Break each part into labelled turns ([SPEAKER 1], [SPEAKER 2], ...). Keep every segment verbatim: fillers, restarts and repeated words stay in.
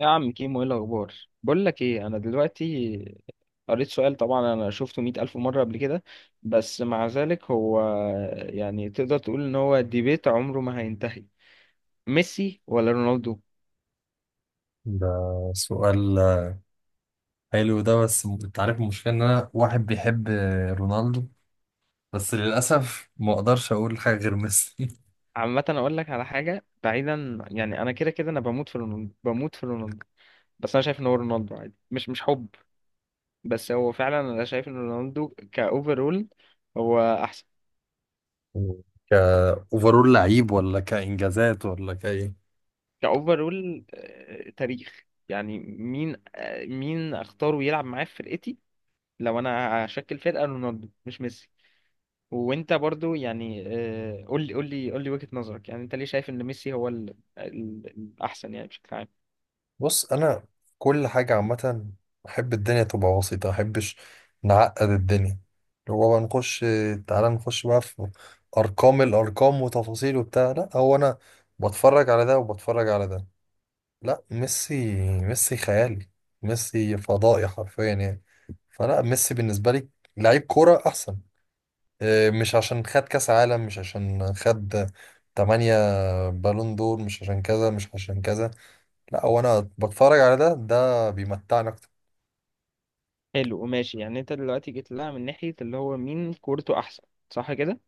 [SPEAKER 1] يا عم كيمو، ايه الاخبار؟ بقول لك ايه، انا دلوقتي قريت سؤال، طبعا انا شفته مئة الف مره قبل كده، بس مع ذلك هو يعني تقدر تقول ان هو ديبيت عمره ما هينتهي: ميسي ولا رونالدو؟
[SPEAKER 2] ده سؤال حلو ده، بس م- انت عارف المشكلة ان انا واحد بيحب رونالدو، بس للأسف ما اقدرش اقول حاجة غير ميسي.
[SPEAKER 1] عامه اقول لك على حاجه، بعيدا يعني، انا كده كده انا بموت في رونالدو، بموت في رونالدو. بس انا شايف ان هو رونالدو عادي، مش مش حب. بس هو فعلا انا شايف ان رونالدو كاوفرول. هو
[SPEAKER 2] كأوفرول لعيب، ولا كإنجازات، ولا كأيه؟
[SPEAKER 1] كأوفرول، آه، تاريخ، يعني مين، آه، مين اختاره يلعب معاه في فرقتي؟ لو انا هشكل فرقة، رونالدو مش ميسي. وانت برضو يعني، آه، قول لي قول لي قول لي وجهة نظرك، يعني انت ليه شايف ان ميسي هو ال- ال- الاحسن يعني بشكل عام؟
[SPEAKER 2] بص، انا كل حاجه عامه احب الدنيا تبقى بسيطه، ما احبش نعقد الدنيا، اللي هو بقى نخش، تعالى نخش بقى في ارقام الارقام وتفاصيل وبتاع. لا، هو انا بتفرج على ده وبتفرج على ده. لا، ميسي، ميسي خيالي، ميسي فضائي حرفيا يعني. فلا ميسي بالنسبة لي لعيب كورة أحسن. إيه، مش عشان خد كأس عالم، مش عشان خد تمانية بالون دور، مش عشان كذا مش عشان كذا. لا، هو أنا بتفرج على ده ده بيمتعني أكتر.
[SPEAKER 1] حلو وماشي، يعني انت دلوقتي جيت لها من ناحية اللي هو مين كورته احسن، صح كده؟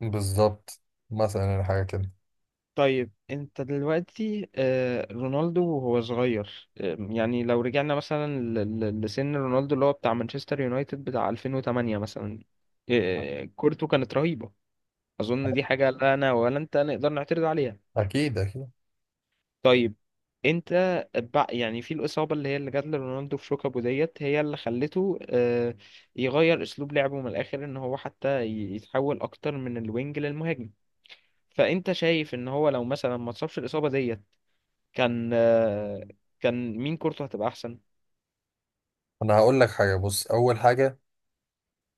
[SPEAKER 2] بالظبط. مثلا يعني حاجة كده.
[SPEAKER 1] طيب انت دلوقتي، آه، رونالدو وهو صغير، آه، يعني لو رجعنا مثلا ل- ل- لسن رونالدو اللي هو بتاع مانشستر يونايتد بتاع ألفين وتمانية مثلا، آه، كورته كانت رهيبة. اظن دي حاجة لا انا ولا انت نقدر نعترض عليها.
[SPEAKER 2] أكيد أكيد.
[SPEAKER 1] طيب انت بع- يعني في الإصابة اللي هي اللي جات لرونالدو في ركبه ديت، هي اللي خلته آه، يغير أسلوب لعبه من الآخر، إن هو حتى ي- يتحول أكتر من الوينج للمهاجم. فأنت شايف إن هو لو مثلا ما اتصابش الإصابة ديت، كان آه، كان مين كورته هتبقى احسن؟
[SPEAKER 2] أنا هقول لك حاجة. بص، أول حاجة،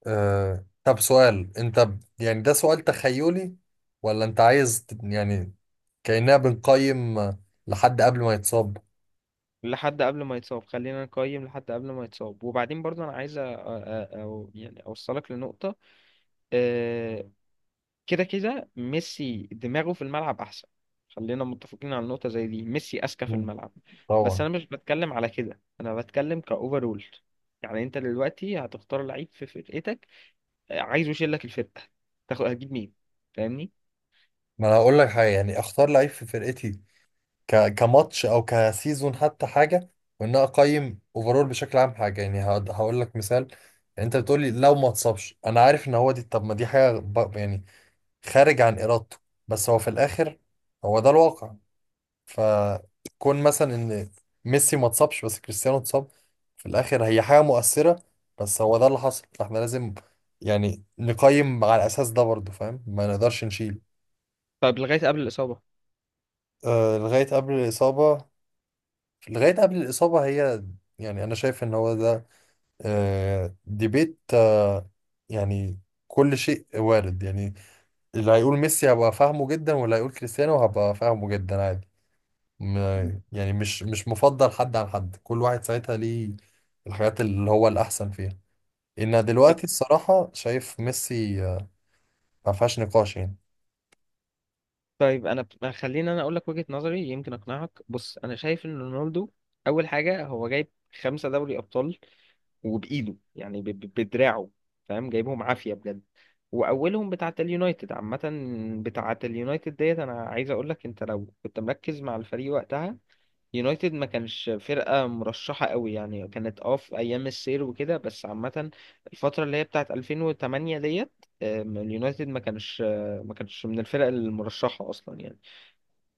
[SPEAKER 2] آه طب سؤال، انت ب- يعني ده سؤال تخيلي، ولا انت عايز ت- يعني كأننا بنقيم آه، لحد قبل ما يتصاب؟
[SPEAKER 1] لحد قبل ما يتصاب، خلينا نقيم لحد قبل ما يتصاب، وبعدين برضو انا عايز أ- أ- او يعني اوصلك لنقطة، آه، كده كده ميسي دماغه في الملعب احسن. خلينا متفقين على نقطة زي دي، ميسي اذكى في
[SPEAKER 2] مم.
[SPEAKER 1] الملعب. بس
[SPEAKER 2] طبعا.
[SPEAKER 1] انا مش بتكلم على كده، انا بتكلم كاوفرول. يعني انت دلوقتي هتختار لعيب في فرقتك، آه، عايزه يشيل لك الفرقة، تاخد هتجيب مين؟ فاهمني؟
[SPEAKER 2] ما انا هقول لك حاجة، يعني اختار لعيب في فرقتي ك... كماتش او كسيزون، حتى حاجة، وان انا اقيم اوفرول بشكل عام. حاجة يعني هقد- هقول لك مثال. يعني انت بتقولي لو ما اتصابش، انا عارف ان هو دي، طب ما دي حاجة ب... يعني خارج عن ارادته، بس هو في الاخر هو ده الواقع. فكون مثلا ان ميسي ما اتصابش بس كريستيانو اتصاب، في الاخر هي حاجه مؤثره، بس هو ده اللي حصل، فاحنا لازم يعني نقيم على الاساس ده برضه، فاهم؟ ما نقدرش نشيل.
[SPEAKER 1] طيب لغاية قبل
[SPEAKER 2] آه لغايه قبل الاصابه. لغايه قبل الاصابه هي، يعني انا شايف ان هو ده آه ديبيت، آه يعني كل شيء وارد يعني. اللي هيقول ميسي هبقى فاهمه جدا، واللي هيقول كريستيانو هبقى فاهمه جدا، عادي.
[SPEAKER 1] الإصابة.
[SPEAKER 2] ما- يعني مش مش مفضل حد عن حد، كل واحد ساعتها ليه الحاجات اللي هو الأحسن فيها. إن دلوقتي الصراحة شايف ميسي آه، ما فيهاش نقاش يعني.
[SPEAKER 1] طيب انا ب- خليني انا اقول لك وجهة نظري يمكن اقنعك. بص انا شايف ان رونالدو، اول حاجة هو جايب خمسة دوري ابطال، وبايده يعني ب- ب- بدراعه، فاهم؟ جايبهم عافية بجد. واولهم بتاعة اليونايتد. عامة بتاعة اليونايتد ديت، انا عايز اقول لك، انت لو كنت مركز مع الفريق وقتها، يونايتد ما كانش فرقة مرشحة قوي، يعني كانت اه في ايام السير وكده، بس عامة الفترة اللي هي بتاعة ألفين وتمانية ديت، آم، اليونايتد ما كانش آه، ما كانش من الفرق المرشحة اصلا يعني.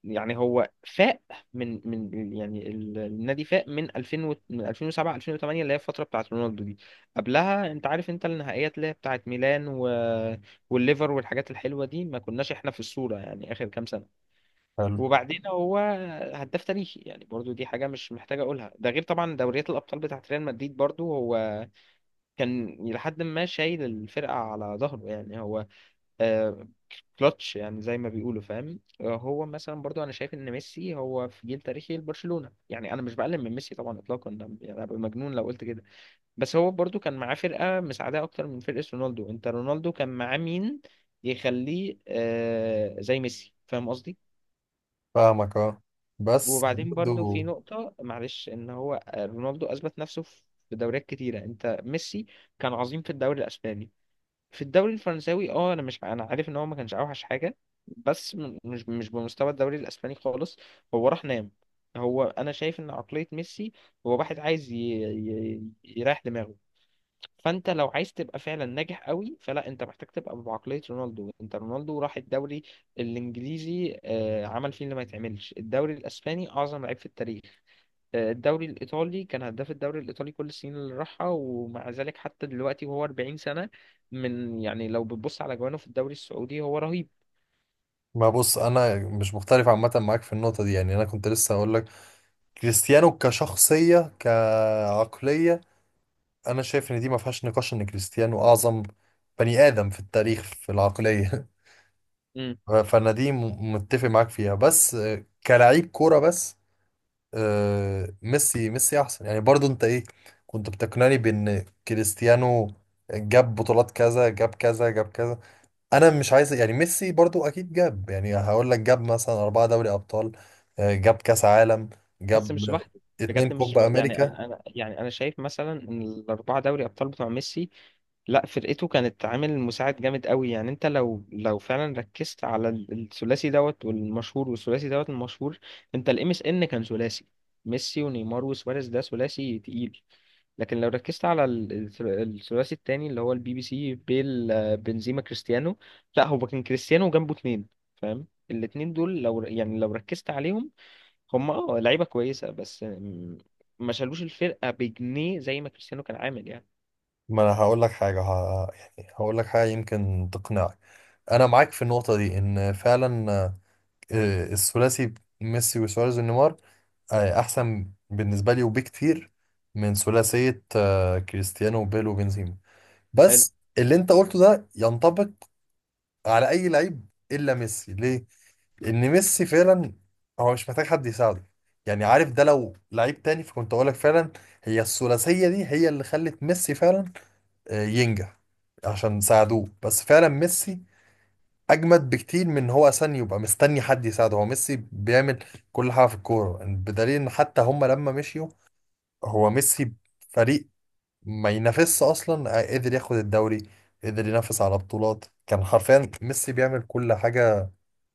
[SPEAKER 1] يعني هو فاق، من من يعني ال- النادي فاق من ألفين و- من ألفين وسبعة ألفين وتمانية، اللي هي الفتره بتاعت رونالدو دي. قبلها انت عارف، انت النهائيات اللي هي بتاعت ميلان و... والليفر والحاجات الحلوه دي، ما كناش احنا في الصوره يعني اخر كام سنه.
[SPEAKER 2] حلو.
[SPEAKER 1] وبعدين هو هداف تاريخي، يعني برضو دي حاجه مش محتاج اقولها، ده غير طبعا دوريات الابطال بتاعت ريال مدريد. برضو هو كان لحد ما شايل الفرقه على ظهره، يعني هو آه، كلتش، يعني زي ما بيقولوا، فاهم؟ آه، هو مثلا برضو انا شايف ان ميسي هو في جيل تاريخي لبرشلونة، يعني انا مش بقلل من ميسي طبعا اطلاقا، ده- يعني ابقى مجنون لو قلت كده. بس هو برضو كان معاه فرقة مساعداه اكتر من فرقة رونالدو. انت رونالدو كان معاه مين يخليه آه زي ميسي؟ فاهم قصدي؟
[SPEAKER 2] فاهمك، اه، بس
[SPEAKER 1] وبعدين برضو في
[SPEAKER 2] برضه.
[SPEAKER 1] نقطة، معلش، ان هو آه، رونالدو اثبت نفسه في دوريات كتيرة. انت ميسي كان عظيم في الدوري الاسباني، في الدوري الفرنساوي اه انا مش انا عارف ان هو ما كانش اوحش حاجه، بس م- مش مش بمستوى الدوري الاسباني خالص. هو راح نام. هو انا شايف ان عقليه ميسي، هو واحد عايز ي... ي... يريح دماغه. فانت لو عايز تبقى فعلا ناجح قوي، فلا انت محتاج تبقى بعقليه رونالدو. انت رونالدو راح الدوري الانجليزي، آه، عمل فيه اللي ما يتعملش. الدوري الاسباني، اعظم لعيب في التاريخ. آه، الدوري الإيطالي، كان هداف الدوري الإيطالي كل السنين اللي راحها. ومع ذلك حتى دلوقتي وهو 40 سنة، من يعني لو بتبص على جوانه في الدوري السعودي هو رهيب.
[SPEAKER 2] ما بص، أنا مش مختلف عامة معاك في النقطة دي، يعني أنا كنت لسه هقول لك كريستيانو كشخصية كعقلية، أنا شايف إن دي ما فيهاش نقاش، إن كريستيانو أعظم بني آدم في التاريخ في العقلية.
[SPEAKER 1] مم.
[SPEAKER 2] ف- فأنا دي م- متفق معاك فيها، بس آه، كلاعب كورة بس، آه، ميسي ميسي احسن يعني. برضو انت ايه كنت بتقنعني بان كريستيانو جاب بطولات كذا، جاب كذا، جاب كذا. انا مش عايز يعني، ميسي برضو اكيد جاب، يعني هقول لك جاب مثلا اربعة دوري ابطال، آه، جاب كاس عالم،
[SPEAKER 1] بس
[SPEAKER 2] جاب
[SPEAKER 1] مش لوحده.
[SPEAKER 2] اتنين
[SPEAKER 1] بجد مش
[SPEAKER 2] كوبا
[SPEAKER 1] لو- يعني
[SPEAKER 2] امريكا.
[SPEAKER 1] أنا أنا- يعني أنا شايف مثلا إن الأربعة دوري أبطال بتوع ميسي، لا فرقته كانت عامل مساعد جامد قوي. يعني انت لو لو فعلا ركزت على ال- الثلاثي دوت والمشهور، والثلاثي دوت المشهور، انت الام اس ان كان ثلاثي: ميسي ونيمار وسواريز، ده ثلاثي تقيل. لكن لو ركزت على ال- الثل- الثلاثي التاني اللي هو البي بي سي، بيل، آه، بنزيما، كريستيانو، لا هو كان كريستيانو جنبه اتنين، فاهم؟ الاتنين دول لو ر- يعني لو ركزت عليهم، هم اه لعيبة كويسة بس آم، ما شالوش الفرقة بجنيه زي ما كريستيانو كان عامل يعني.
[SPEAKER 2] ما انا هقول لك حاجة، ه... يعني هقول لك حاجة يمكن تقنعك. انا معاك في النقطة دي ان فعلا آه، الثلاثي ميسي وسواريز ونيمار آه، احسن بالنسبه لي، وبكتير، من ثلاثيه آه، كريستيانو وبيل وبنزيما. بس اللي انت قلته ده ينطبق على اي لعيب الا ميسي، ليه؟ لان ميسي فعلا هو مش محتاج حد يساعده. يعني عارف، ده لو لعيب تاني فكنت اقول لك فعلا هي الثلاثيه دي هي اللي خلت ميسي فعلا آه، ينجح عشان ساعدوه، بس فعلا ميسي اجمد بكتير من إن هو اصلا يبقى مستني حد يساعده. هو ميسي بيعمل كل حاجه في الكوره، يعني بدليل ان حتى هم لما مشيوا، هو ميسي فريق ما ينافسش اصلا، آه، قدر ياخد الدوري، قدر ينافس على بطولات. كان حرفيا ميسي بيعمل كل حاجة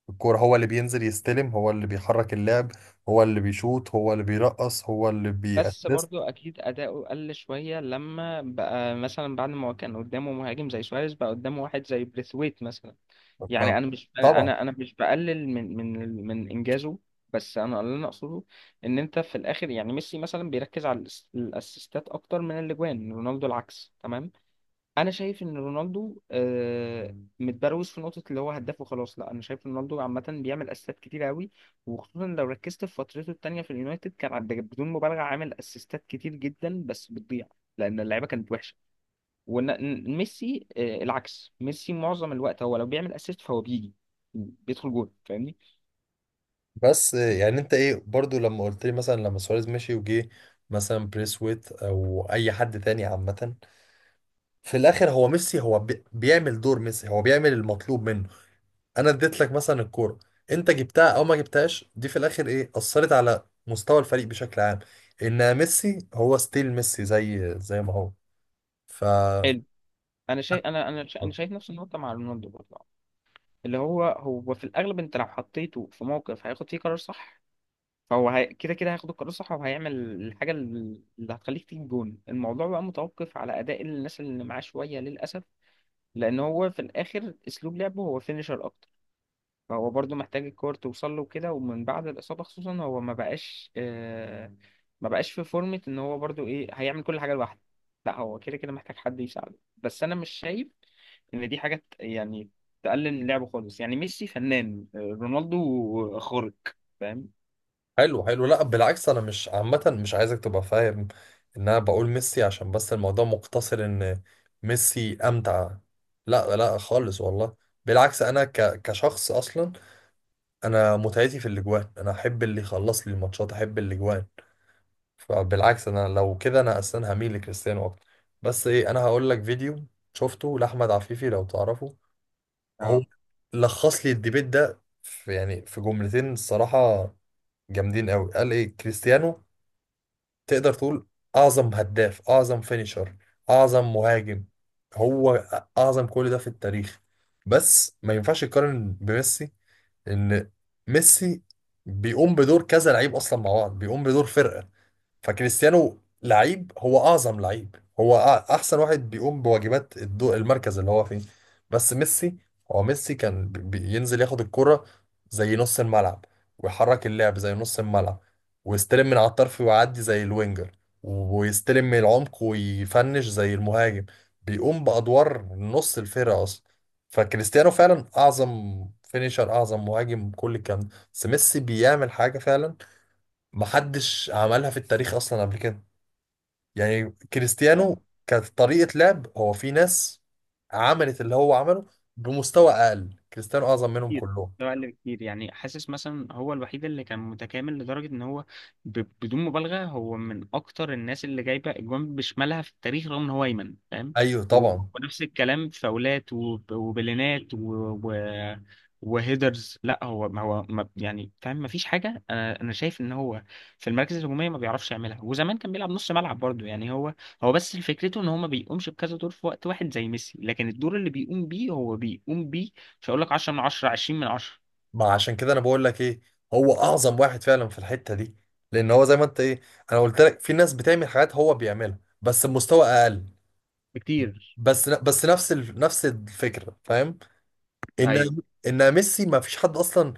[SPEAKER 2] في الكورة، هو اللي بينزل يستلم، هو اللي بيحرك اللعب، هو اللي بيشوط، هو اللي بيرقص، هو اللي
[SPEAKER 1] بس
[SPEAKER 2] بيأسست.
[SPEAKER 1] برضو اكيد اداؤه قل شويه لما بقى، مثلا بعد ما هو كان قدامه مهاجم زي سواريز، بقى قدامه واحد زي بريثويت مثلا.
[SPEAKER 2] ما
[SPEAKER 1] يعني انا مش انا
[SPEAKER 2] طبعا.
[SPEAKER 1] انا أنا مش بقلل من من من انجازه. بس انا اللي انا اقصده، ان انت في الاخر يعني ميسي مثلا بيركز على الأس- الاسيستات اكتر من الاجوان. رونالدو العكس تمام. انا شايف ان رونالدو، آه، متبروز في نقطه اللي هو هداف وخلاص. لا انا شايف رونالدو عامه بيعمل اسيستات كتير قوي، وخصوصا لو ركزت في فترته التانيه في اليونايتد كان عند- بدون مبالغه عامل اسيستات كتير جدا، بس بتضيع لان اللعيبه كانت وحشه. وميسي العكس، ميسي معظم الوقت هو لو بيعمل اسيست فهو بيجي بيدخل جول. فاهمني؟
[SPEAKER 2] بس يعني انت ايه برضو لما قلت لي مثلا لما سواريز مشي، وجي مثلا بريسويت او اي حد تاني عامة، في الاخر هو ميسي، هو بي- بيعمل دور ميسي، هو بيعمل المطلوب منه. انا اديت لك مثلا الكوره، انت جبتها او ما جبتهاش، دي في الاخر ايه اثرت على مستوى الفريق بشكل عام؟ ان ميسي هو ستيل ميسي، زي زي ما هو، ف...
[SPEAKER 1] حلو. انا شايف انا انا انا شايف نفس النقطه مع رونالدو برضه. اللي هو هو في الاغلب، انت لو حطيته في موقف هياخد فيه قرار صح، فهو هي... كده كده هياخد القرار الصح، وهيعمل الحاجة ال- اللي هتخليك تجيب جون. الموضوع بقى متوقف على أداء الناس اللي معاه شوية للأسف، لأن هو في الآخر أسلوب لعبه هو فينيشر أكتر. فهو برضو محتاج الكور توصل له كده، ومن بعد الإصابة خصوصا هو ما بقاش آه... ما بقاش في فورمة إن هو برضو إيه هيعمل كل حاجة لوحده. لا هو كده كده محتاج حد يساعده، بس أنا مش شايف إن دي حاجة ت- يعني تقلل من لعبه خالص. يعني ميسي فنان، آه، رونالدو خارق، فاهم؟
[SPEAKER 2] حلو حلو. لا بالعكس، انا مش عامه مش عايزك تبقى فاهم ان انا بقول ميسي عشان بس الموضوع مقتصر ان ميسي امتع. لا لا، خالص والله، بالعكس، انا ك... كشخص اصلا انا متعتي في الاجوان، انا احب اللي يخلص لي الماتشات، احب الاجوان. فبالعكس انا لو كده انا اصلا هميل لكريستيانو اكتر. بس ايه، انا هقول لك فيديو شفته لاحمد عفيفي، لو تعرفه، هو
[SPEAKER 1] آه.
[SPEAKER 2] لخص لي الديبيت ده في يعني في جملتين الصراحه جامدين قوي. قال ايه؟ كريستيانو تقدر تقول اعظم هداف، اعظم فينيشر، اعظم مهاجم، هو اعظم كل ده في التاريخ، بس ما ينفعش يقارن بميسي. ان ميسي بيقوم بدور كذا لعيب اصلا مع بعض، بيقوم بدور فرقه. فكريستيانو لعيب، هو اعظم لعيب، هو أع- احسن واحد بيقوم بواجبات الدو المركز اللي هو فيه. بس ميسي، هو ميسي كان بي- بينزل ياخد الكرة زي نص الملعب، ويحرك اللعب زي نص الملعب، ويستلم من على الطرف ويعدي زي الوينجر، ويستلم من العمق ويفنش زي المهاجم، بيقوم بأدوار نص الفرقة أصلا. فكريستيانو فعلا أعظم فينيشر، أعظم مهاجم، كل الكلام ده، بس ميسي بيعمل حاجة فعلا محدش عملها في التاريخ اصلا قبل كده. يعني كريستيانو كانت طريقة لعب هو في ناس عملت اللي هو عمله بمستوى اقل، كريستيانو اعظم منهم
[SPEAKER 1] كتير،
[SPEAKER 2] كلهم.
[SPEAKER 1] مستوى اقل بكتير. يعني حاسس مثلا هو الوحيد اللي كان متكامل لدرجه ان هو ب... بدون مبالغه هو من اكتر الناس اللي جايبه اجوان بشمالها في التاريخ رغم ان هو ايمن، فاهم؟
[SPEAKER 2] ايوه
[SPEAKER 1] و...
[SPEAKER 2] طبعا.
[SPEAKER 1] ونفس الكلام في فاولات وب... وبلينات و... و... وهيدرز. لا هو ما هو ما... يعني فاهم، ما فيش حاجه. انا انا شايف ان هو في المراكز الهجوميه ما بيعرفش يعملها. وزمان كان بيلعب نص ملعب برضه. يعني هو هو بس فكرته ان هو ما بيقومش بكذا دور في وقت واحد زي ميسي، لكن الدور اللي بيقوم بيه، هو بيقوم بيه مش هقول لك عشرة من عشرة، عشرين من عشرة
[SPEAKER 2] ما عشان كده انا بقول لك ايه، هو اعظم واحد فعلا في الحتة دي، لان هو زي ما انت ايه، انا قلت لك في ناس بتعمل حاجات هو بيعملها بس بمستوى اقل،
[SPEAKER 1] بكتير.
[SPEAKER 2] بس بس نفس ال- نفس الفكرة، فاهم؟
[SPEAKER 1] ايوه،
[SPEAKER 2] ان ان ميسي ما فيش حد اصلا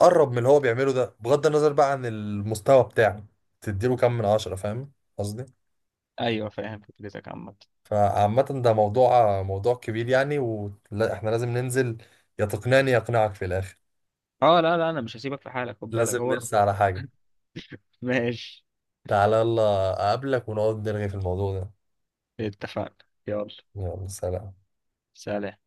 [SPEAKER 2] قرب من اللي هو بيعمله ده، بغض النظر بقى عن المستوى بتاعه، تديله كام من عشرة، فاهم قصدي؟
[SPEAKER 1] ايوه، فاهم فكرتك عامة.
[SPEAKER 2] فعامة ده موضوع موضوع كبير، يعني واحنا لازم ننزل، يا تقنعني يا اقنعك في الاخر،
[SPEAKER 1] اه، لا لا، انا مش هسيبك في حالك، خد بالك
[SPEAKER 2] لازم
[SPEAKER 1] هو.
[SPEAKER 2] نرسى على حاجة.
[SPEAKER 1] ماشي.
[SPEAKER 2] تعالى يلا اقابلك ونقعد نرغي في الموضوع ده.
[SPEAKER 1] اتفقنا، يلا.
[SPEAKER 2] يلا سلام.
[SPEAKER 1] سلام.